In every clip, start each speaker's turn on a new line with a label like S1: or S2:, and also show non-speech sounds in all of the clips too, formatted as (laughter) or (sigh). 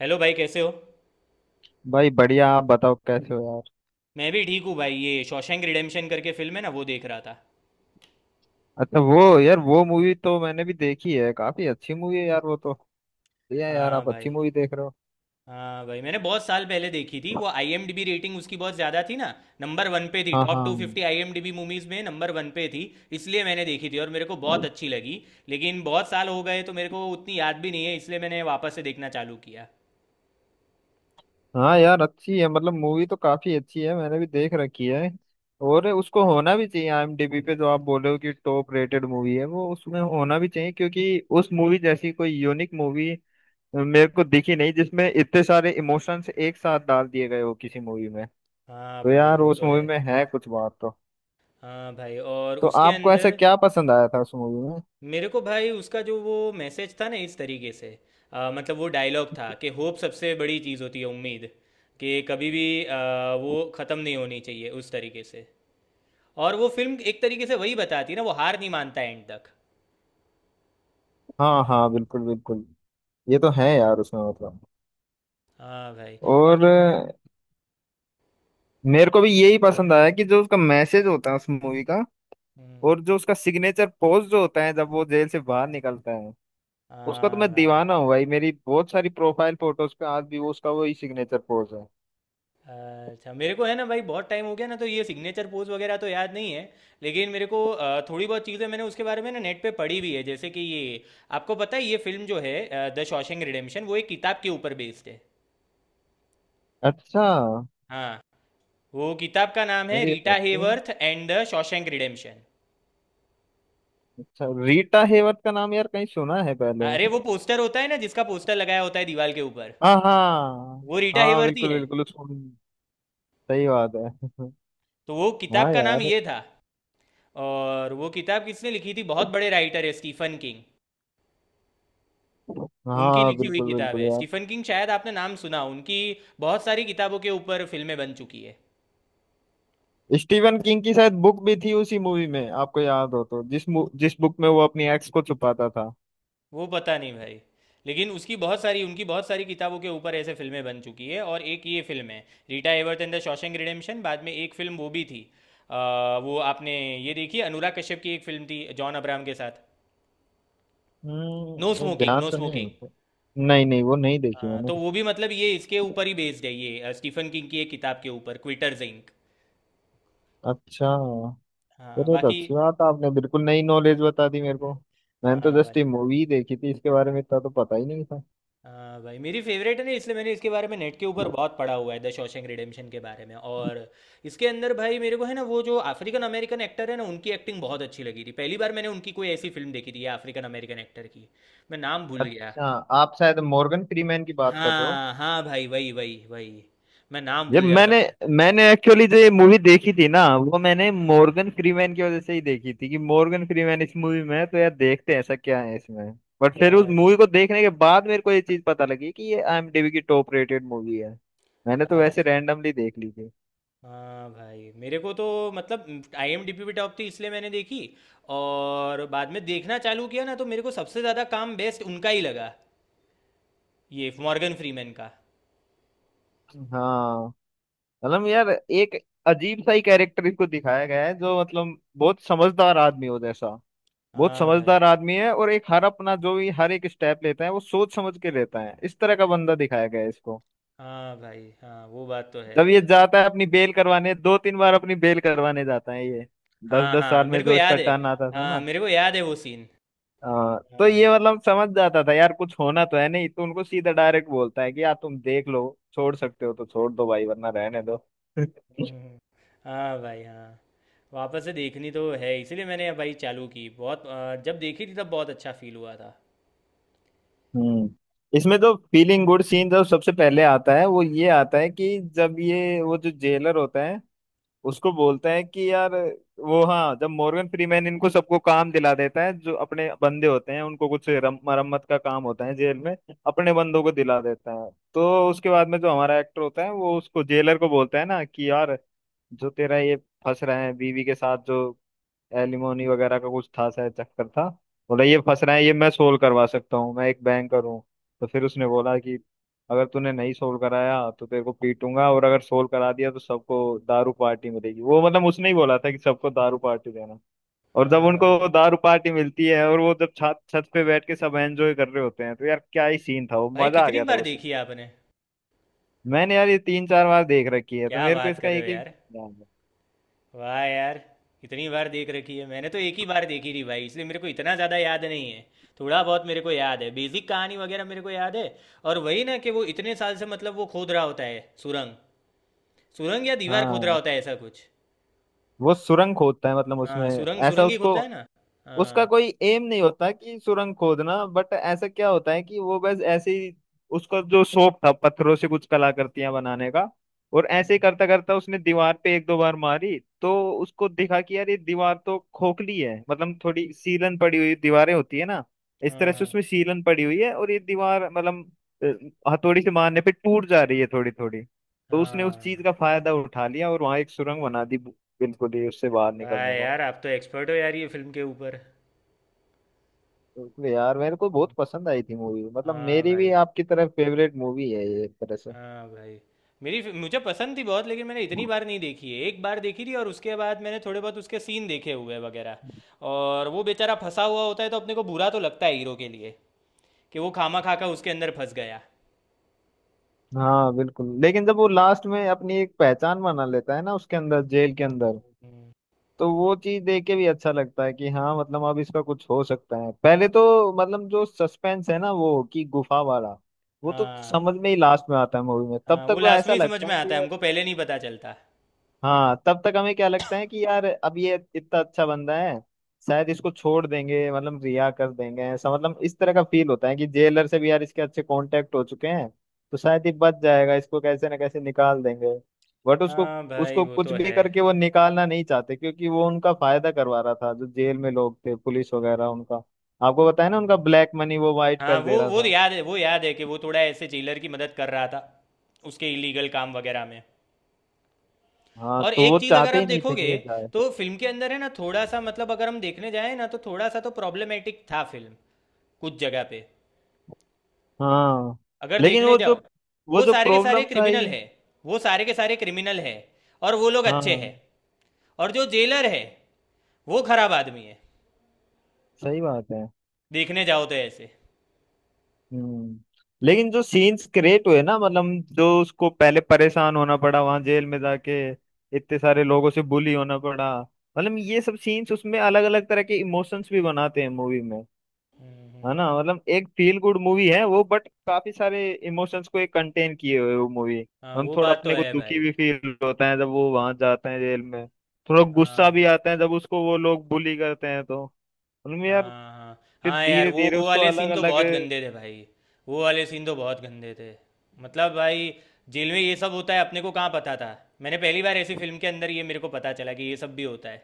S1: Hello भाई, कैसे हो।
S2: भाई बढ़िया आप बताओ कैसे हो यार।
S1: मैं भी ठीक हूँ भाई, ये शॉशैंक रिडेम्पशन करके फिल्म है ना, वो देख रहा था।
S2: अच्छा वो यार वो मूवी तो मैंने भी देखी है। काफी अच्छी मूवी है यार वो तो। बढ़िया है यार
S1: हाँ
S2: आप अच्छी
S1: भाई।
S2: मूवी देख रहे हो।
S1: हाँ भाई, मैंने बहुत साल पहले देखी थी, वो आईएमडीबी रेटिंग उसकी बहुत ज़्यादा थी ना। नंबर वन पे थी,
S2: हाँ
S1: टॉप टू
S2: हाँ।
S1: फिफ्टी आईएमडीबी मूवीज़ में नंबर वन पे थी। इसलिए मैंने देखी थी और मेरे को बहुत अच्छी लगी। लेकिन बहुत साल हो गए तो मेरे को उतनी याद भी नहीं है, इसलिए मैंने वापस से देखना चालू किया।
S2: हाँ यार अच्छी है मतलब मूवी तो काफी अच्छी है मैंने भी देख रखी है। और उसको होना भी चाहिए आईएमडीबी पे जो आप बोले हो कि टॉप रेटेड मूवी है वो उसमें होना भी चाहिए, क्योंकि उस मूवी जैसी कोई यूनिक मूवी मेरे को दिखी नहीं जिसमें इतने सारे इमोशंस एक साथ डाल दिए गए हो किसी मूवी में।
S1: हाँ
S2: तो
S1: भाई,
S2: यार
S1: वो
S2: उस
S1: तो
S2: मूवी
S1: है।
S2: में है कुछ बात तो।
S1: हाँ भाई, और
S2: तो
S1: उसके
S2: आपको ऐसा
S1: अंदर।
S2: क्या पसंद आया था उस मूवी में?
S1: मेरे को भाई, उसका जो वो मैसेज था ना, इस तरीके से मतलब, वो डायलॉग था कि होप सबसे बड़ी चीज़ होती है, उम्मीद। कि कभी भी वो ख़त्म नहीं होनी चाहिए, उस तरीके से। और वो फिल्म एक तरीके से वही बताती है ना, वो हार नहीं मानता एंड तक।
S2: हाँ हाँ बिल्कुल बिल्कुल। ये तो है यार उसमें मतलब।
S1: हाँ भाई। और
S2: और मेरे को भी यही पसंद आया कि जो उसका मैसेज होता है उस मूवी का।
S1: हम्म,
S2: और जो उसका सिग्नेचर पोज जो होता है जब वो जेल से बाहर निकलता है उसका तो
S1: हाँ
S2: मैं
S1: भाई।
S2: दीवाना हूँ भाई। मेरी बहुत सारी प्रोफाइल फोटोज पे आज भी वो उसका वही सिग्नेचर पोज है।
S1: अच्छा, मेरे को है ना भाई, बहुत टाइम हो गया ना, तो ये सिग्नेचर पोज वगैरह तो याद नहीं है। लेकिन मेरे को थोड़ी बहुत चीज़ें मैंने उसके बारे में ना नेट पे पढ़ी भी है, जैसे कि ये, आपको पता है ये फिल्म जो है द शॉशैंक रिडेम्पशन, वो एक किताब के ऊपर बेस्ड है।
S2: अच्छा।
S1: हाँ, वो किताब का नाम है
S2: अरे ये तो
S1: रीटा
S2: अच्छा।
S1: Hayworth and the Shawshank Redemption.
S2: अच्छा, रीटा हेवर्थ का नाम यार कहीं सुना है पहले।
S1: हाँ, अरे वो पोस्टर होता है ना, जिसका पोस्टर लगाया होता है दीवार के ऊपर,
S2: हाँ हाँ।
S1: वो रीटा
S2: हाँ
S1: हेवर्थ ही
S2: बिल्कुल
S1: है।
S2: बिल्कुल उसको। सही बात है। (laughs)
S1: तो वो किताब
S2: हाँ
S1: का नाम
S2: यार।
S1: ये था। और वो किताब किसने लिखी थी, बहुत बड़े राइटर है स्टीफन किंग। उनकी
S2: हाँ
S1: लिखी हुई
S2: बिल्कुल
S1: किताब
S2: बिल्कुल
S1: है,
S2: यार।
S1: स्टीफन किंग, शायद आपने नाम सुना हो, उनकी बहुत सारी किताबों के ऊपर फिल्में बन चुकी है।
S2: स्टीवन किंग की शायद बुक भी थी उसी मूवी में, आपको याद हो तो, जिस बुक में वो अपनी एक्स को छुपाता था।
S1: वो पता नहीं भाई। लेकिन उसकी बहुत सारी उनकी बहुत सारी किताबों के ऊपर ऐसे फिल्में बन चुकी है, और एक ये फिल्म है, Rita Hayworth and the Shawshank Redemption. बाद में एक फिल्म वो भी थी, अ, वो आपने ये देखी, अनुराग कश्यप की एक फिल्म थी जॉन अब्राहम के साथ, नो
S2: वो
S1: स्मोकिंग,
S2: ध्यान
S1: नो
S2: तो नहीं है
S1: स्मोकिंग।
S2: मुझे। नहीं नहीं वो नहीं देखी
S1: हाँ,
S2: मैंने।
S1: तो वो भी मतलब ये इसके ऊपर ही बेस्ड है, ये स्टीफन किंग की एक किताब के ऊपर, क्विटर्स इंक।
S2: अच्छा।
S1: हाँ,
S2: अरे तो
S1: बाकी।
S2: अच्छी बात है, आपने बिल्कुल नई नॉलेज बता दी मेरे को। मैंने तो
S1: हाँ भाई।
S2: जस्ट ये मूवी देखी थी, इसके बारे में इतना तो पता ही नहीं था।
S1: हाँ भाई, मेरी फेवरेट है ना, इसलिए मैंने इसके बारे में नेट के ऊपर बहुत पढ़ा हुआ है द शॉशैंक रिडेम्पशन के बारे में। और इसके अंदर भाई, मेरे को है ना, वो जो अफ्रीकन अमेरिकन एक्टर है ना, उनकी एक्टिंग बहुत अच्छी लगी थी, पहली बार मैंने उनकी कोई ऐसी फिल्म देखी थी अफ्रीकन अमेरिकन एक्टर की। मैं नाम भूल गया।
S2: अच्छा। आप शायद मॉर्गन फ्रीमैन की बात कर रहे हो।
S1: हाँ हाँ भाई, वही वही वही। मैं नाम
S2: यार
S1: भूल जाता
S2: मैंने
S1: हूँ भाई।
S2: मैंने एक्चुअली जो ये मूवी देखी थी ना वो मैंने मॉर्गन फ्रीमैन की वजह से ही देखी थी कि मॉर्गन फ्रीमैन इस मूवी में है तो यार देखते हैं ऐसा क्या है इसमें। बट फिर उस
S1: अच्छा,
S2: मूवी को देखने के बाद मेरे को ये चीज पता लगी कि ये आईएमडीबी की टॉप रेटेड मूवी है। मैंने तो वैसे
S1: अच्छा।
S2: रैंडमली देख ली थी।
S1: हाँ भाई, मेरे को तो मतलब आईएमडीबी पे टॉप थी, इसलिए मैंने देखी। और बाद में देखना चालू किया ना, तो मेरे को सबसे ज़्यादा काम बेस्ट उनका ही लगा, ये मॉर्गन फ्रीमैन का।
S2: हाँ मतलब यार एक अजीब सा ही कैरेक्टर इसको दिखाया गया है जो मतलब बहुत समझदार आदमी हो जैसा। बहुत
S1: हाँ भाई।
S2: समझदार आदमी है और एक हर अपना जो भी हर एक स्टेप लेता है वो सोच समझ के लेता है, इस तरह का बंदा दिखाया गया है इसको।
S1: हाँ भाई, हाँ वो बात तो है।
S2: जब ये जाता है अपनी बेल करवाने, दो तीन बार अपनी बेल करवाने जाता है ये। दस
S1: हाँ
S2: दस
S1: हाँ,
S2: साल में
S1: मेरे को
S2: जो इसका
S1: याद है।
S2: टर्न आता था
S1: हाँ,
S2: ना।
S1: मेरे को याद है वो सीन।
S2: तो
S1: हाँ।
S2: ये मतलब समझ जाता था यार कुछ होना तो है नहीं तो उनको सीधा डायरेक्ट बोलता है कि यार तुम देख लो, छोड़ सकते हो तो छोड़ दो भाई वरना रहने दो। (laughs)
S1: हम्म। हाँ भाई, हाँ। वापस से देखनी तो है, इसीलिए मैंने भाई चालू की, बहुत जब देखी थी तब बहुत अच्छा फील हुआ था।
S2: हम्म इसमें जो फीलिंग गुड सीन जो सबसे पहले आता है वो ये आता है कि जब ये वो जो जेलर होता है उसको बोलते हैं कि यार वो, हाँ, जब मॉर्गन फ्रीमैन इनको सबको काम दिला देता है, जो अपने बंदे होते हैं उनको, कुछ मरम्मत का काम होता है जेल में, अपने बंदों को दिला देता है। तो उसके बाद में जो हमारा एक्टर होता है वो उसको जेलर को बोलता है ना कि यार जो तेरा ये फंस रहा है बीवी के साथ जो एलिमोनी वगैरह का कुछ था शायद चक्कर था। बोला, ये फंस रहा है, ये मैं सोल्व करवा सकता हूँ, मैं एक बैंकर हूँ। तो फिर उसने बोला कि अगर तूने नहीं सोल्व कराया तो तेरे को पीटूंगा और अगर सोल्व करा दिया तो सबको दारू पार्टी मिलेगी, वो मतलब उसने ही बोला था कि सबको दारू पार्टी देना। और जब
S1: हाँ भाई।
S2: उनको दारू पार्टी मिलती है और वो जब छत छत पे बैठ के सब एंजॉय कर रहे होते हैं तो यार क्या ही सीन था वो,
S1: भाई,
S2: मजा आ
S1: कितनी
S2: गया था
S1: बार
S2: वो सुन
S1: देखी है
S2: के।
S1: आपने?
S2: मैंने यार ये तीन चार बार देख रखी है तो
S1: क्या
S2: मेरे को
S1: बात
S2: इसका
S1: कर रहे हो
S2: एक एक
S1: यार।
S2: ध्यान है।
S1: वाह यार, इतनी बार देख रखी है, मैंने तो एक ही बार देखी थी भाई, इसलिए मेरे को इतना ज़्यादा याद नहीं है। थोड़ा बहुत मेरे को याद है, बेसिक कहानी वगैरह मेरे को याद है, और वही ना कि वो इतने साल से मतलब वो खोद रहा होता है सुरंग, सुरंग या दीवार खोद रहा
S2: हाँ
S1: होता है ऐसा कुछ।
S2: वो सुरंग खोदता है, मतलब उसमें
S1: हाँ, सुरंग
S2: ऐसा
S1: सुरंग ही
S2: उसको
S1: खोदता है ना।
S2: उसका
S1: हाँ।
S2: कोई एम नहीं होता कि सुरंग खोदना, बट ऐसा क्या होता है कि वो बस ऐसे ही उसका जो शौक था पत्थरों से कुछ कलाकृतियां बनाने का और ऐसे ही
S1: हम्म।
S2: करता करता उसने दीवार पे एक दो बार मारी तो उसको दिखा कि यार ये दीवार तो खोखली है, मतलब थोड़ी सीलन पड़ी हुई दीवारें होती है ना, इस
S1: हाँ।
S2: तरह से
S1: हाँ।
S2: उसमें सीलन पड़ी हुई है और ये दीवार मतलब हथौड़ी से मारने पे टूट जा रही है थोड़ी थोड़ी। तो उसने उस चीज
S1: हाँ।
S2: का फायदा उठा लिया और वहां एक सुरंग बना दी बिल्कुल ही उससे बाहर
S1: वाह
S2: निकलने को।
S1: यार, आप तो एक्सपर्ट हो यार ये फिल्म के ऊपर।
S2: बिल्कुल यार मेरे को बहुत पसंद आई थी मूवी, मतलब
S1: हाँ
S2: मेरी भी
S1: भाई।
S2: आपकी तरह फेवरेट मूवी है ये एक तरह से।
S1: हाँ भाई। मेरी मुझे पसंद थी बहुत, लेकिन मैंने इतनी बार नहीं देखी है, एक बार देखी थी और उसके बाद मैंने थोड़े बहुत उसके सीन देखे हुए हैं वगैरह। और वो बेचारा फंसा हुआ होता है, तो अपने को बुरा तो लगता है हीरो के लिए, कि वो खामा खा का उसके अंदर फंस गया।
S2: हाँ बिल्कुल लेकिन जब वो लास्ट में अपनी एक पहचान बना लेता है ना उसके अंदर जेल के अंदर तो वो चीज देख के भी अच्छा लगता है कि हाँ, मतलब अब इसका कुछ हो सकता है। पहले तो मतलब जो सस्पेंस है ना वो कि गुफा वाला, वो तो
S1: हाँ।
S2: समझ में ही लास्ट में आता है मूवी में, तब
S1: हाँ,
S2: तक
S1: वो
S2: तो
S1: लास्ट में
S2: ऐसा
S1: ही समझ
S2: लगता
S1: में
S2: है
S1: आता है,
S2: कि
S1: हमको पहले नहीं पता चलता।
S2: हाँ, तब तक हमें क्या लगता है कि यार अब ये इतना अच्छा बंदा है शायद इसको छोड़ देंगे, मतलब रिहा कर देंगे, ऐसा मतलब इस तरह का फील होता है कि जेलर से भी यार इसके अच्छे कांटेक्ट हो चुके हैं तो शायद ये बच जाएगा इसको कैसे ना कैसे निकाल देंगे। बट उसको
S1: हाँ भाई,
S2: उसको
S1: वो
S2: कुछ
S1: तो
S2: भी
S1: है।
S2: करके वो निकालना नहीं चाहते क्योंकि वो उनका फायदा करवा रहा था, जो जेल में लोग थे पुलिस वगैरह उनका। आपको बताया ना, उनका
S1: हाँ,
S2: ब्लैक मनी वो वाइट
S1: हाँ,
S2: कर
S1: वो
S2: दे रहा
S1: वो
S2: था।
S1: याद है, वो याद है कि वो थोड़ा ऐसे जेलर की मदद कर रहा था, उसके इलीगल काम वगैरह में।
S2: हाँ
S1: और
S2: तो
S1: एक
S2: वो
S1: चीज अगर
S2: चाहते
S1: आप
S2: ही नहीं थे कि
S1: देखोगे,
S2: ये जाए।
S1: तो फिल्म के अंदर है ना, थोड़ा सा, मतलब अगर हम देखने जाए ना, तो थोड़ा सा तो प्रॉब्लमेटिक था फिल्म कुछ जगह पे,
S2: हाँ
S1: अगर
S2: लेकिन
S1: देखने जाओ,
S2: वो
S1: वो
S2: जो
S1: सारे के सारे
S2: प्रॉब्लम्स
S1: क्रिमिनल
S2: आई,
S1: है, वो सारे के सारे क्रिमिनल है, और वो लोग अच्छे
S2: हाँ
S1: हैं, और जो जेलर है, वो खराब आदमी है,
S2: सही बात है।
S1: देखने जाओ तो ऐसे।
S2: हम्म लेकिन जो सीन्स क्रिएट हुए ना, मतलब जो उसको पहले परेशान होना पड़ा वहां जेल में जाके, इतने सारे लोगों से बुली होना पड़ा, मतलब ये सब सीन्स उसमें अलग अलग तरह के इमोशंस भी बनाते हैं मूवी में, है ना। मतलब एक फील गुड मूवी है वो, बट काफी सारे इमोशंस को एक कंटेन किए हुए वो मूवी।
S1: हाँ,
S2: हम
S1: वो
S2: थोड़ा
S1: बात तो
S2: अपने को
S1: है
S2: दुखी
S1: भाई।
S2: भी फील होता है जब वो वहां जाता है जेल में, थोड़ा
S1: हाँ
S2: गुस्सा भी
S1: भाई।
S2: आता है जब उसको वो लोग बुली करते हैं तो, मतलब यार
S1: हाँ हाँ।
S2: फिर
S1: हाँ यार,
S2: धीरे
S1: वो
S2: धीरे
S1: वो
S2: उसको
S1: वाले
S2: अलग
S1: सीन तो
S2: अलग।
S1: बहुत गंदे थे भाई। वो वाले सीन तो बहुत गंदे थे। मतलब भाई, जेल में ये सब होता है अपने को कहाँ पता था। मैंने पहली बार ऐसी फिल्म के अंदर ये मेरे को पता चला कि ये सब भी होता है।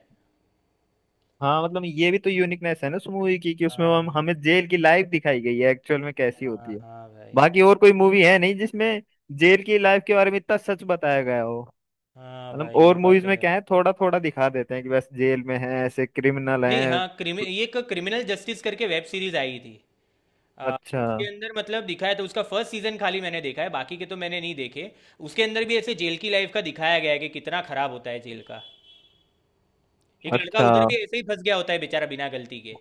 S2: हाँ मतलब ये भी तो यूनिकनेस है ना उस मूवी की कि उसमें हम
S1: हाँ
S2: हमें जेल की लाइफ दिखाई गई है एक्चुअल में कैसी होती
S1: हाँ।
S2: है।
S1: हाँ भाई।
S2: बाकी और कोई मूवी है नहीं जिसमें जेल की लाइफ के बारे में इतना सच बताया गया हो।
S1: हाँ
S2: मतलब
S1: भाई, ये
S2: और
S1: बात
S2: मूवीज
S1: तो
S2: में
S1: है।
S2: क्या है, थोड़ा थोड़ा दिखा देते हैं कि बस जेल में है ऐसे क्रिमिनल
S1: नहीं,
S2: हैं।
S1: हाँ, क्रिमि ये एक क्रिमिनल जस्टिस करके वेब सीरीज आई थी। आ,
S2: अच्छा
S1: उसके अंदर मतलब दिखाया, तो उसका फर्स्ट सीजन खाली मैंने देखा है, बाकी के तो मैंने नहीं देखे। उसके अंदर भी ऐसे जेल की लाइफ का दिखाया गया है कि कितना खराब होता है जेल का, एक लड़का
S2: अच्छा।
S1: उधर भी ऐसे ही फंस गया होता है बेचारा बिना गलती के।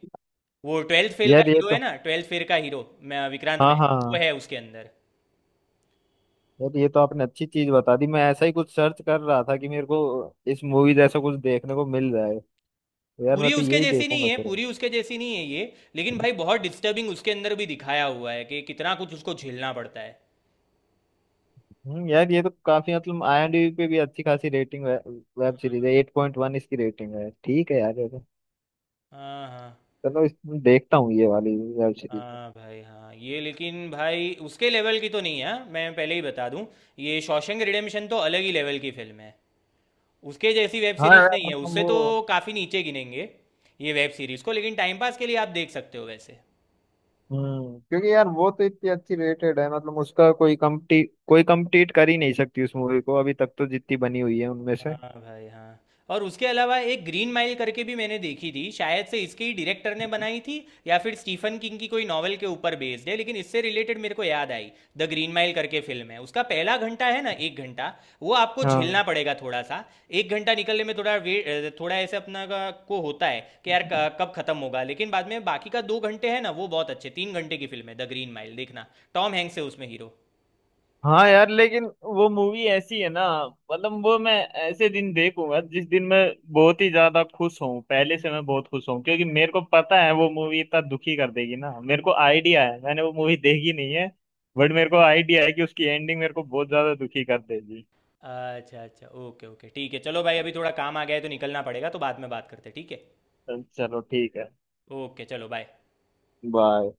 S1: वो ट्वेल्थ फेल का
S2: यार ये
S1: हीरो
S2: तो,
S1: है ना, ट्वेल्थ फेल का हीरो। विक्रांत
S2: हाँ
S1: मैसी, वो
S2: हाँ
S1: है उसके अंदर।
S2: यार ये तो आपने अच्छी चीज बता दी, मैं ऐसा ही कुछ सर्च कर रहा था कि मेरे को इस मूवी जैसा कुछ देखने को मिल जाए। तो यार
S1: पूरी
S2: मैं तो
S1: उसके
S2: यही
S1: जैसी नहीं
S2: देखूंगा
S1: है,
S2: फिर।
S1: पूरी उसके जैसी नहीं है ये, लेकिन भाई बहुत डिस्टर्बिंग उसके अंदर भी दिखाया हुआ है, कि कितना कुछ उसको झेलना पड़ता है।
S2: यार ये तो काफी मतलब आईएमडीबी पे भी अच्छी खासी रेटिंग है। वेब सीरीज है, 8.1 इसकी रेटिंग है, ठीक है यार ये तो,
S1: हाँ हाँ।
S2: चलो इस, देखता हूँ ये वाली वेब सीरीज।
S1: हाँ भाई, हाँ, ये लेकिन भाई उसके लेवल की तो नहीं है, हाँ, मैं पहले ही बता दूं। ये शॉशैंक रिडेम्पशन तो अलग ही लेवल की फिल्म है, उसके जैसी वेब
S2: हाँ
S1: सीरीज
S2: यार
S1: नहीं है,
S2: मतलब
S1: उससे तो
S2: वो।
S1: काफ़ी नीचे गिनेंगे ये वेब सीरीज को, लेकिन टाइम पास के लिए आप देख सकते हो वैसे।
S2: क्योंकि यार वो तो इतनी अच्छी रेटेड है, मतलब उसका कोई कम्पटी कोई कम्पीट कर ही नहीं सकती उस मूवी को अभी तक तो, जितनी बनी हुई है उनमें से।
S1: हाँ भाई, हाँ। और उसके अलावा एक ग्रीन माइल करके भी मैंने देखी थी, शायद से इसके ही डायरेक्टर ने बनाई थी, या फिर स्टीफन किंग की कोई नॉवेल के ऊपर बेस्ड है, लेकिन इससे रिलेटेड मेरे को याद आई। द ग्रीन माइल करके फिल्म है, उसका पहला घंटा है ना, 1 घंटा, वो आपको
S2: हाँ
S1: झेलना पड़ेगा थोड़ा सा। 1 घंटा निकलने में थोड़ा वेट, थोड़ा ऐसे अपना को होता है कि यार कब खत्म होगा, लेकिन बाद में बाकी का 2 घंटे है ना, वो बहुत अच्छे, 3 घंटे की फिल्म है द ग्रीन माइल, देखना। टॉम हैंक्स है उसमें हीरो।
S2: हाँ। यार लेकिन वो मूवी ऐसी है ना, मतलब वो मैं ऐसे दिन देखूंगा जिस दिन मैं बहुत ही ज्यादा खुश हूँ, पहले से मैं बहुत खुश हूँ, क्योंकि मेरे को पता है वो मूवी इतना दुखी कर देगी ना, मेरे को आइडिया है, मैंने वो मूवी देखी नहीं है बट मेरे को आइडिया है कि उसकी एंडिंग मेरे को बहुत ज्यादा दुखी कर देगी।
S1: अच्छा अच्छा, ओके ओके, ठीक है, चलो भाई, अभी थोड़ा काम आ गया है तो निकलना पड़ेगा, तो बाद में बात करते हैं, ठीक है।
S2: चलो ठीक है।
S1: ओके, चलो, बाय।
S2: बाय।